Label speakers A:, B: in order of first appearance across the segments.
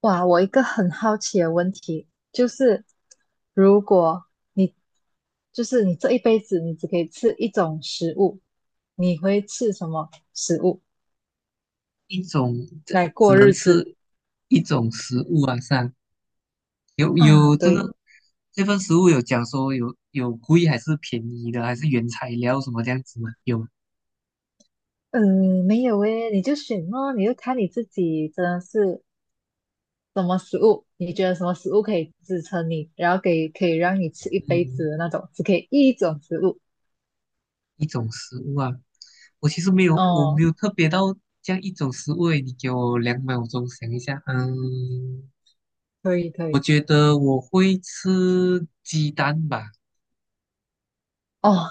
A: 哇，我一个很好奇的问题就是，如果你就是你这一辈子你只可以吃一种食物，你会吃什么食物
B: 一种只
A: 来
B: 只
A: 过
B: 能
A: 日子
B: 吃一种食物啊，上有
A: 啊？
B: 有这
A: 对，
B: 个这份食物有讲说有贵还是便宜的，还是原材料什么这样子吗？有吗
A: 嗯，没有诶，你就选咯，你就看你自己真的是什么食物，你觉得什么食物可以支撑你，然后给可以让你吃一辈
B: 嗯，
A: 子的那种，只可以一种食物。
B: 一种食物啊，我其实没有，我没
A: 哦，
B: 有特别到这样一种食物诶，你给我2秒钟想一下，嗯，
A: 可以可
B: 我
A: 以。
B: 觉得我会吃鸡蛋吧。
A: 哦，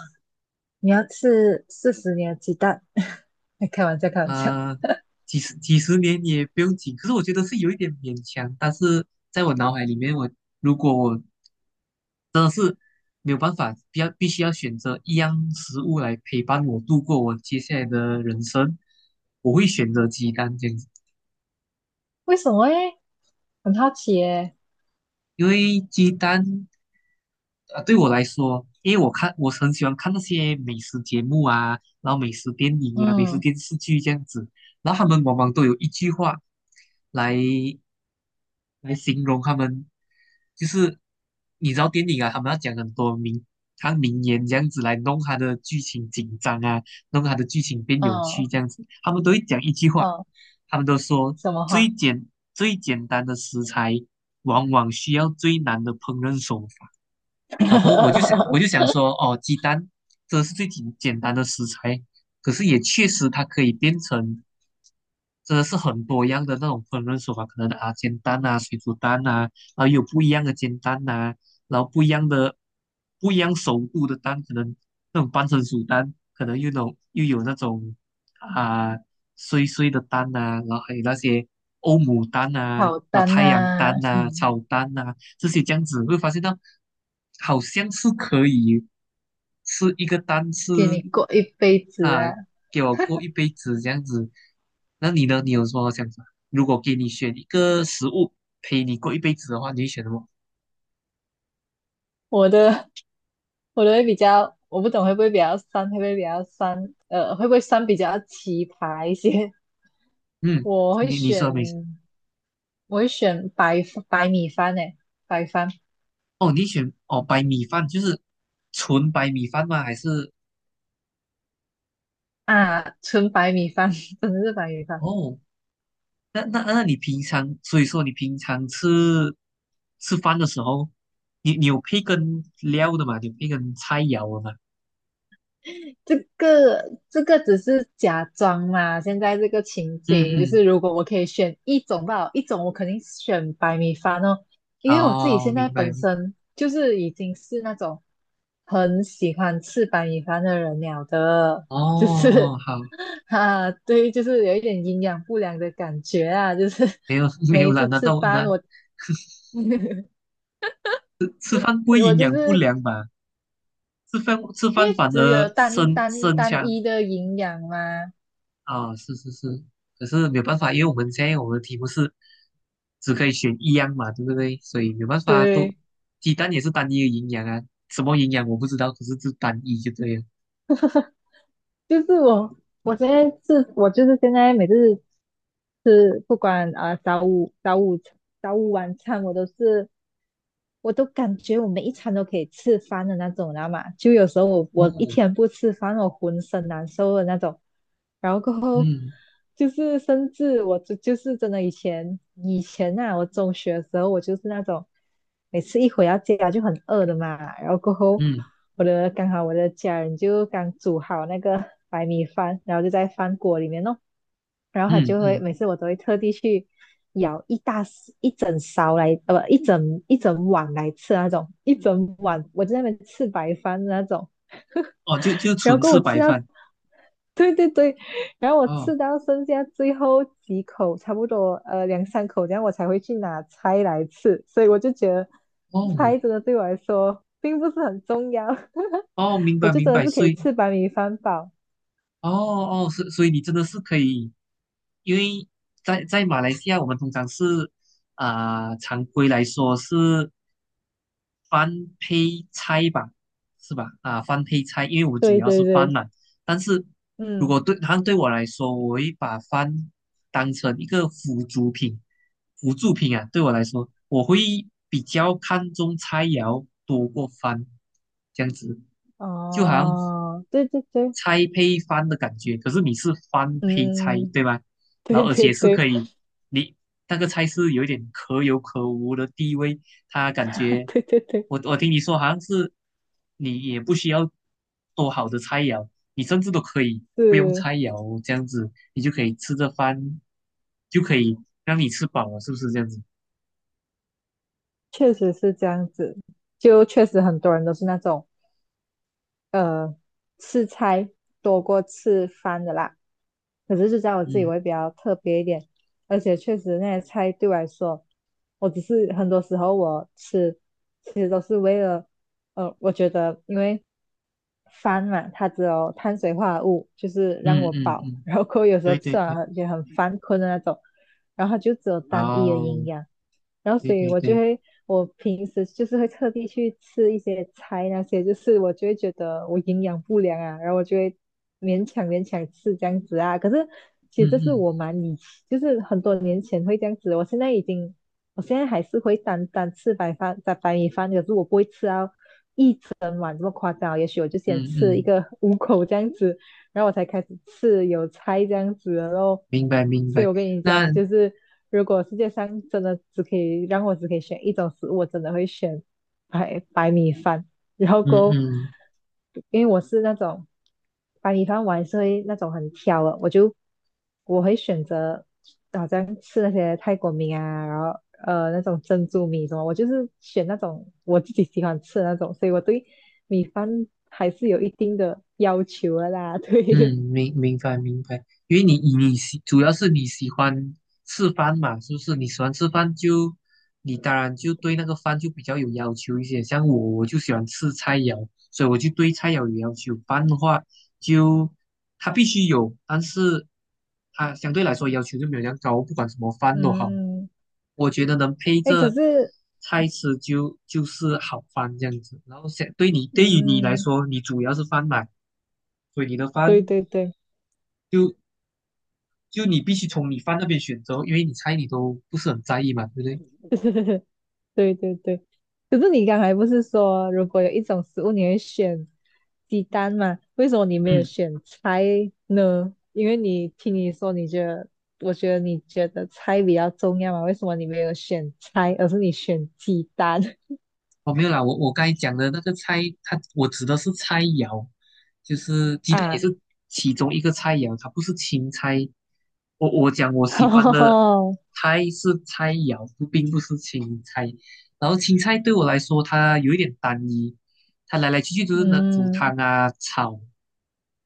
A: 你要吃40年的鸡蛋？开玩笑，开玩笑。
B: 呃，几十年也不用紧，可是我觉得是有一点勉强。但是在我脑海里面，如果我没有办法，必须要选择一样食物来陪伴我度过我接下来的人生，我会选择鸡蛋这样子，
A: 为什么诶？很好奇诶。
B: 因为鸡蛋对我来说，因为我很喜欢看那些美食节目啊，然后美食电影啊、美食
A: 嗯
B: 电视剧这样子，然后他们往往都有一句话来。来形容他们，就是你知道电影啊，他们要讲很多名，他名言这样子来弄他的剧情紧张啊，弄他的剧情变有
A: 嗯
B: 趣这样子，他们都会讲一句话，
A: 嗯，
B: 他们都说
A: 什么
B: 最
A: 话？
B: 简最简单的食材，往往需要最难的烹饪手法。然后我就 想说，哦，鸡蛋这是最简单的食材，可是也确实它可以变成真的是很多样的那种烹饪手法，可能啊煎蛋啊、水煮蛋啊，然后有不一样的煎蛋呐、然后不一样熟度的蛋，可能那种半成熟蛋，可能又有那种啊碎碎的蛋呐、然后还有那些欧姆蛋呐、
A: 好
B: 老
A: 单
B: 太阳
A: 呐、
B: 蛋呐、炒蛋呐、这些这样子，会发现到好像是可以吃一个蛋
A: 给你
B: 是。
A: 过一辈子
B: 啊，
A: 啊！
B: 给我过一辈子这样子。那你呢？你有什么想法？如果给你选一个食物陪你过一辈子的话，你会选什么？
A: 我的我的会比较，我不懂会不会比较酸，会不会比较酸？会不会酸比较奇葩一些？
B: 嗯，
A: 我会
B: 你
A: 选，
B: 说没？
A: 我会选白米饭诶，白饭
B: 哦，你选哦白米饭，就是纯白米饭吗？还是
A: 啊，纯白米饭，真的是白米饭。
B: 哦？那你平常，所以说你平常吃饭的时候，你有配跟料的吗？你有配跟菜肴的吗？
A: 这个这个只是假装嘛，现在这个情
B: 嗯
A: 景就是
B: 嗯，
A: 如果我可以选一种吧，一种我肯定选白米饭哦，因为我自己
B: 哦，
A: 现在
B: 明
A: 本
B: 白。
A: 身就是已经是那种很喜欢吃白米饭的人了的，
B: 哦
A: 就
B: 哦，
A: 是
B: 好，
A: 啊，对，就是有一点营养不良的感觉啊，就是
B: 没有 没
A: 每
B: 有
A: 一
B: 啦，
A: 次
B: 那
A: 吃
B: 都
A: 饭
B: 那
A: 我
B: 吃饭不会
A: 我
B: 营
A: 就
B: 养不
A: 是
B: 良吧？吃饭吃
A: 因
B: 饭
A: 为
B: 反
A: 只
B: 而
A: 有单
B: 生
A: 单
B: 生
A: 单
B: 强
A: 一的营养嘛，
B: 啊，是是是，可是没有办法，因为我们现在我们的题目是只可以选一样嘛，对不对？所以没有办法，都
A: 对。
B: 鸡蛋也是单一的营养啊，什么营养我不知道，可是就单一就对了。
A: 就是我，我现在是，我就是现在每次吃，不管啊、早午晚餐我都是，我都感觉我每一餐都可以吃饭的那种，你知道吗？就有时候我一
B: 哦，
A: 天不吃饭，我浑身难受的那种。然后过后
B: 嗯
A: 就是甚至我就是真的以前啊，我中学的时候我就是那种每次一回到家就很饿的嘛，然后过后
B: 嗯
A: 刚好我的家人就刚煮好那个白米饭，然后就在饭锅里面弄，然后他
B: 嗯
A: 就会
B: 嗯，
A: 每次我都会特地去舀一整勺来，不，一整碗来吃那种，一整碗我就在那边吃白饭的那种，
B: 哦，就
A: 然后
B: 纯
A: 给
B: 吃
A: 我吃
B: 白
A: 到，
B: 饭。
A: 对对对，然后我
B: 哦
A: 吃到剩下最后几口，差不多两三口这样，我才会去拿菜来吃，所以我就觉得
B: 哦
A: 菜真的对我来说并不是很重要，
B: 哦，明
A: 我
B: 白
A: 就
B: 明
A: 真的
B: 白，
A: 是可
B: 所
A: 以
B: 以
A: 吃白米饭饱，
B: 哦哦，所以你真的是可以，因为在马来西亚，我们通常是啊、常规来说是翻配菜吧，是吧？啊，翻配菜，因为我主
A: 对
B: 要是
A: 对
B: 翻
A: 对，
B: 嘛。但是如
A: 嗯。
B: 果对我来说，我会把翻当成一个辅助品，辅助品啊，对我来说，我会比较看重菜肴多过翻，这样子。就好像
A: 哦，对对对，
B: 拆配饭的感觉，可是你是饭配菜，
A: 嗯，
B: 对吗？然
A: 对
B: 后而
A: 对
B: 且是可
A: 对，
B: 以，你那个菜是有一点可有可无的地位，他感 觉
A: 对对对，
B: 我听你说好像是你也不需要多好的菜肴，你甚至都可以不用
A: 是，
B: 菜肴这样子，你就可以吃着饭就可以让你吃饱了，是不是这样子？
A: 确实是这样子，就确实很多人都是那种。呃，吃菜多过吃饭的啦。可是就在我自己
B: 嗯
A: 会比较特别一点，而且确实那些菜对我来说，我只是很多时候我吃，其实都是为了，我觉得因为饭嘛，它只有碳水化合物，就是让
B: 嗯
A: 我
B: 嗯
A: 饱，
B: 嗯，
A: 然后过后有时候
B: 对对
A: 吃完
B: 对，
A: 了也很犯困的那种，然后它就只有单一的
B: 哦，
A: 营养，然后
B: 对
A: 所以
B: 对
A: 我就
B: 对，
A: 会，我平时就是会特地去吃一些菜那些，就是我就会觉得我营养不良啊，然后我就会勉强吃这样子啊。可是其实
B: 嗯
A: 这是我
B: 嗯
A: 蛮以前，就是很多年前会这样子，我现在已经，我现在还是会单单吃白饭、白米饭，可是我不会吃啊，整碗这么夸张，也许我就先
B: 嗯
A: 吃一
B: 嗯，
A: 个五口这样子，然后我才开始吃有菜这样子，然后，
B: 明白明
A: 所以
B: 白。
A: 我跟你
B: 那
A: 讲，就是如果世界上真的只可以让我只可以选一种食物，我真的会选白米饭，然后
B: 嗯
A: 够，
B: 嗯
A: 因为我是那种白米饭我还是会那种很挑的，我就我会选择好像吃那些泰国米啊，然后那种珍珠米什么，我就是选那种我自己喜欢吃的那种，所以我对米饭还是有一定的要求的啦。
B: 嗯，
A: 对，
B: 明白明白，因为你你喜主要是你喜欢吃饭嘛，是不是？你喜欢吃饭就，你当然就对那个饭就比较有要求一些。像我，我就喜欢吃菜肴，所以我就对菜肴有要求。饭的话，就它必须有，但是它相对来说要求就没有那样高，不管什么饭都好，
A: 嗯，
B: 我觉得能配
A: 哎，可
B: 着
A: 是，
B: 菜吃就是好饭这样子。然后想对你对于你来
A: 嗯，
B: 说，你主要是饭嘛，所以你的
A: 对
B: 饭
A: 对对，
B: 就就你必须从你饭那边选择，因为你菜你都不是很在意嘛，对不对？
A: 对对对，可是你刚才不是说如果有一种食物你会选鸡蛋嘛？为什么你没有
B: 嗯。
A: 选菜呢？因为你听你说你觉得。我觉得你觉得菜比较重要嘛？为什么你没有选菜，而是你选鸡蛋？
B: 哦，没有啦，我刚才讲的那个菜，我指的是菜肴，就是鸡蛋也
A: 啊，
B: 是其中一个菜肴，它不是青菜。我讲我喜欢 的
A: 哦，
B: 菜是菜肴，不并不是青菜。然后青菜对我来说，它有一点单一，它来来去去就是能煮
A: 嗯，
B: 汤啊、炒，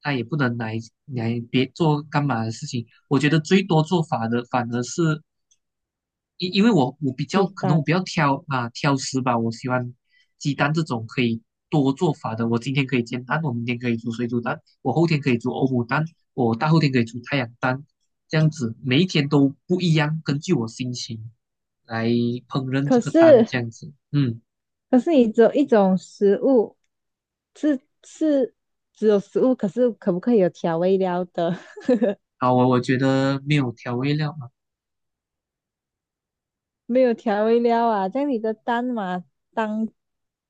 B: 它也不能来别做干嘛的事情。我觉得最多做法的反而是因为我我比
A: 鸡
B: 较可能我
A: 蛋。
B: 比较挑啊挑食吧，我喜欢鸡蛋这种可以多做法的。我今天可以煎蛋，我明天可以煮水煮蛋，我后天可以煮欧姆蛋，我大后天可以煮太阳蛋，这样子每一天都不一样，根据我心情来烹饪这
A: 可
B: 个蛋，
A: 是，
B: 这样子。嗯，
A: 可是你只有一种食物，是只有食物，可是可不可以有调味料的？
B: 好，我觉得没有调味料嘛，
A: 没有调味料啊，这样你的蛋嘛，当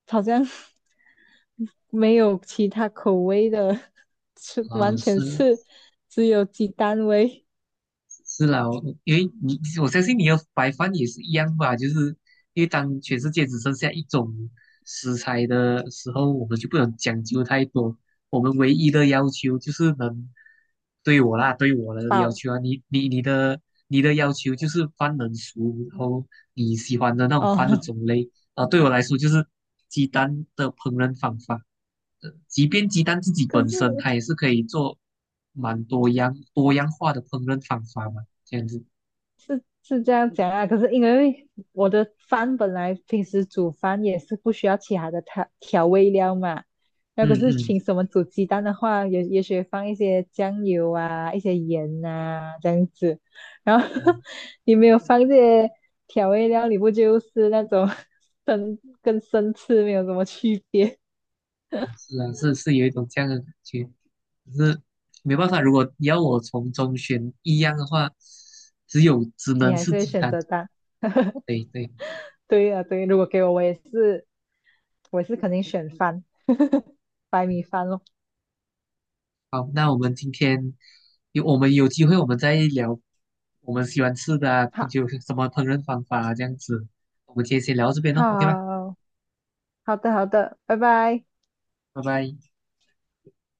A: 好像 没有其他口味的，是完全
B: 是
A: 是只有鸡蛋味
B: 是啦，我相信你要白饭也是一样吧，就是因为当全世界只剩下一种食材的时候，我们就不能讲究太多。我们唯一的要求就是能对我啦，对我 的要
A: 饱
B: 求啊，你的要求就是饭能熟，然后你喜欢的那种饭的
A: 哦。
B: 种类啊，对我来说就是鸡蛋的烹饪方法。即便鸡蛋自己
A: 可
B: 本
A: 是。
B: 身，它也是可以做蛮多样化的烹饪方法嘛，这样子。
A: 是这样讲啊，可是因为我的饭本来平时煮饭也是不需要其他的调味料嘛，那
B: 嗯
A: 可
B: 嗯，
A: 是
B: 嗯嗯
A: 凭什么煮鸡蛋的话，也也许放一些酱油啊，一些盐啊这样子，然后 你没有放这些调味料，你不就是那种 生吃没有什么区别？
B: 是啊，是是有一种这样的感觉，可是没办法，如果你要我从中选一样的话，只
A: 你
B: 能
A: 还
B: 是
A: 是会
B: 鸡
A: 选
B: 蛋。
A: 择蛋。
B: 对对，
A: 对啊，对啊，如果给我，我也是，肯定选饭，白米饭咯。
B: 好，那我们有机会，我们再聊我们喜欢吃的啊，
A: 好，
B: 就什么烹饪方法啊，这样子。我们今天先聊到这边咯，OK 吧，
A: 好。好的，好的，拜拜。
B: 拜拜。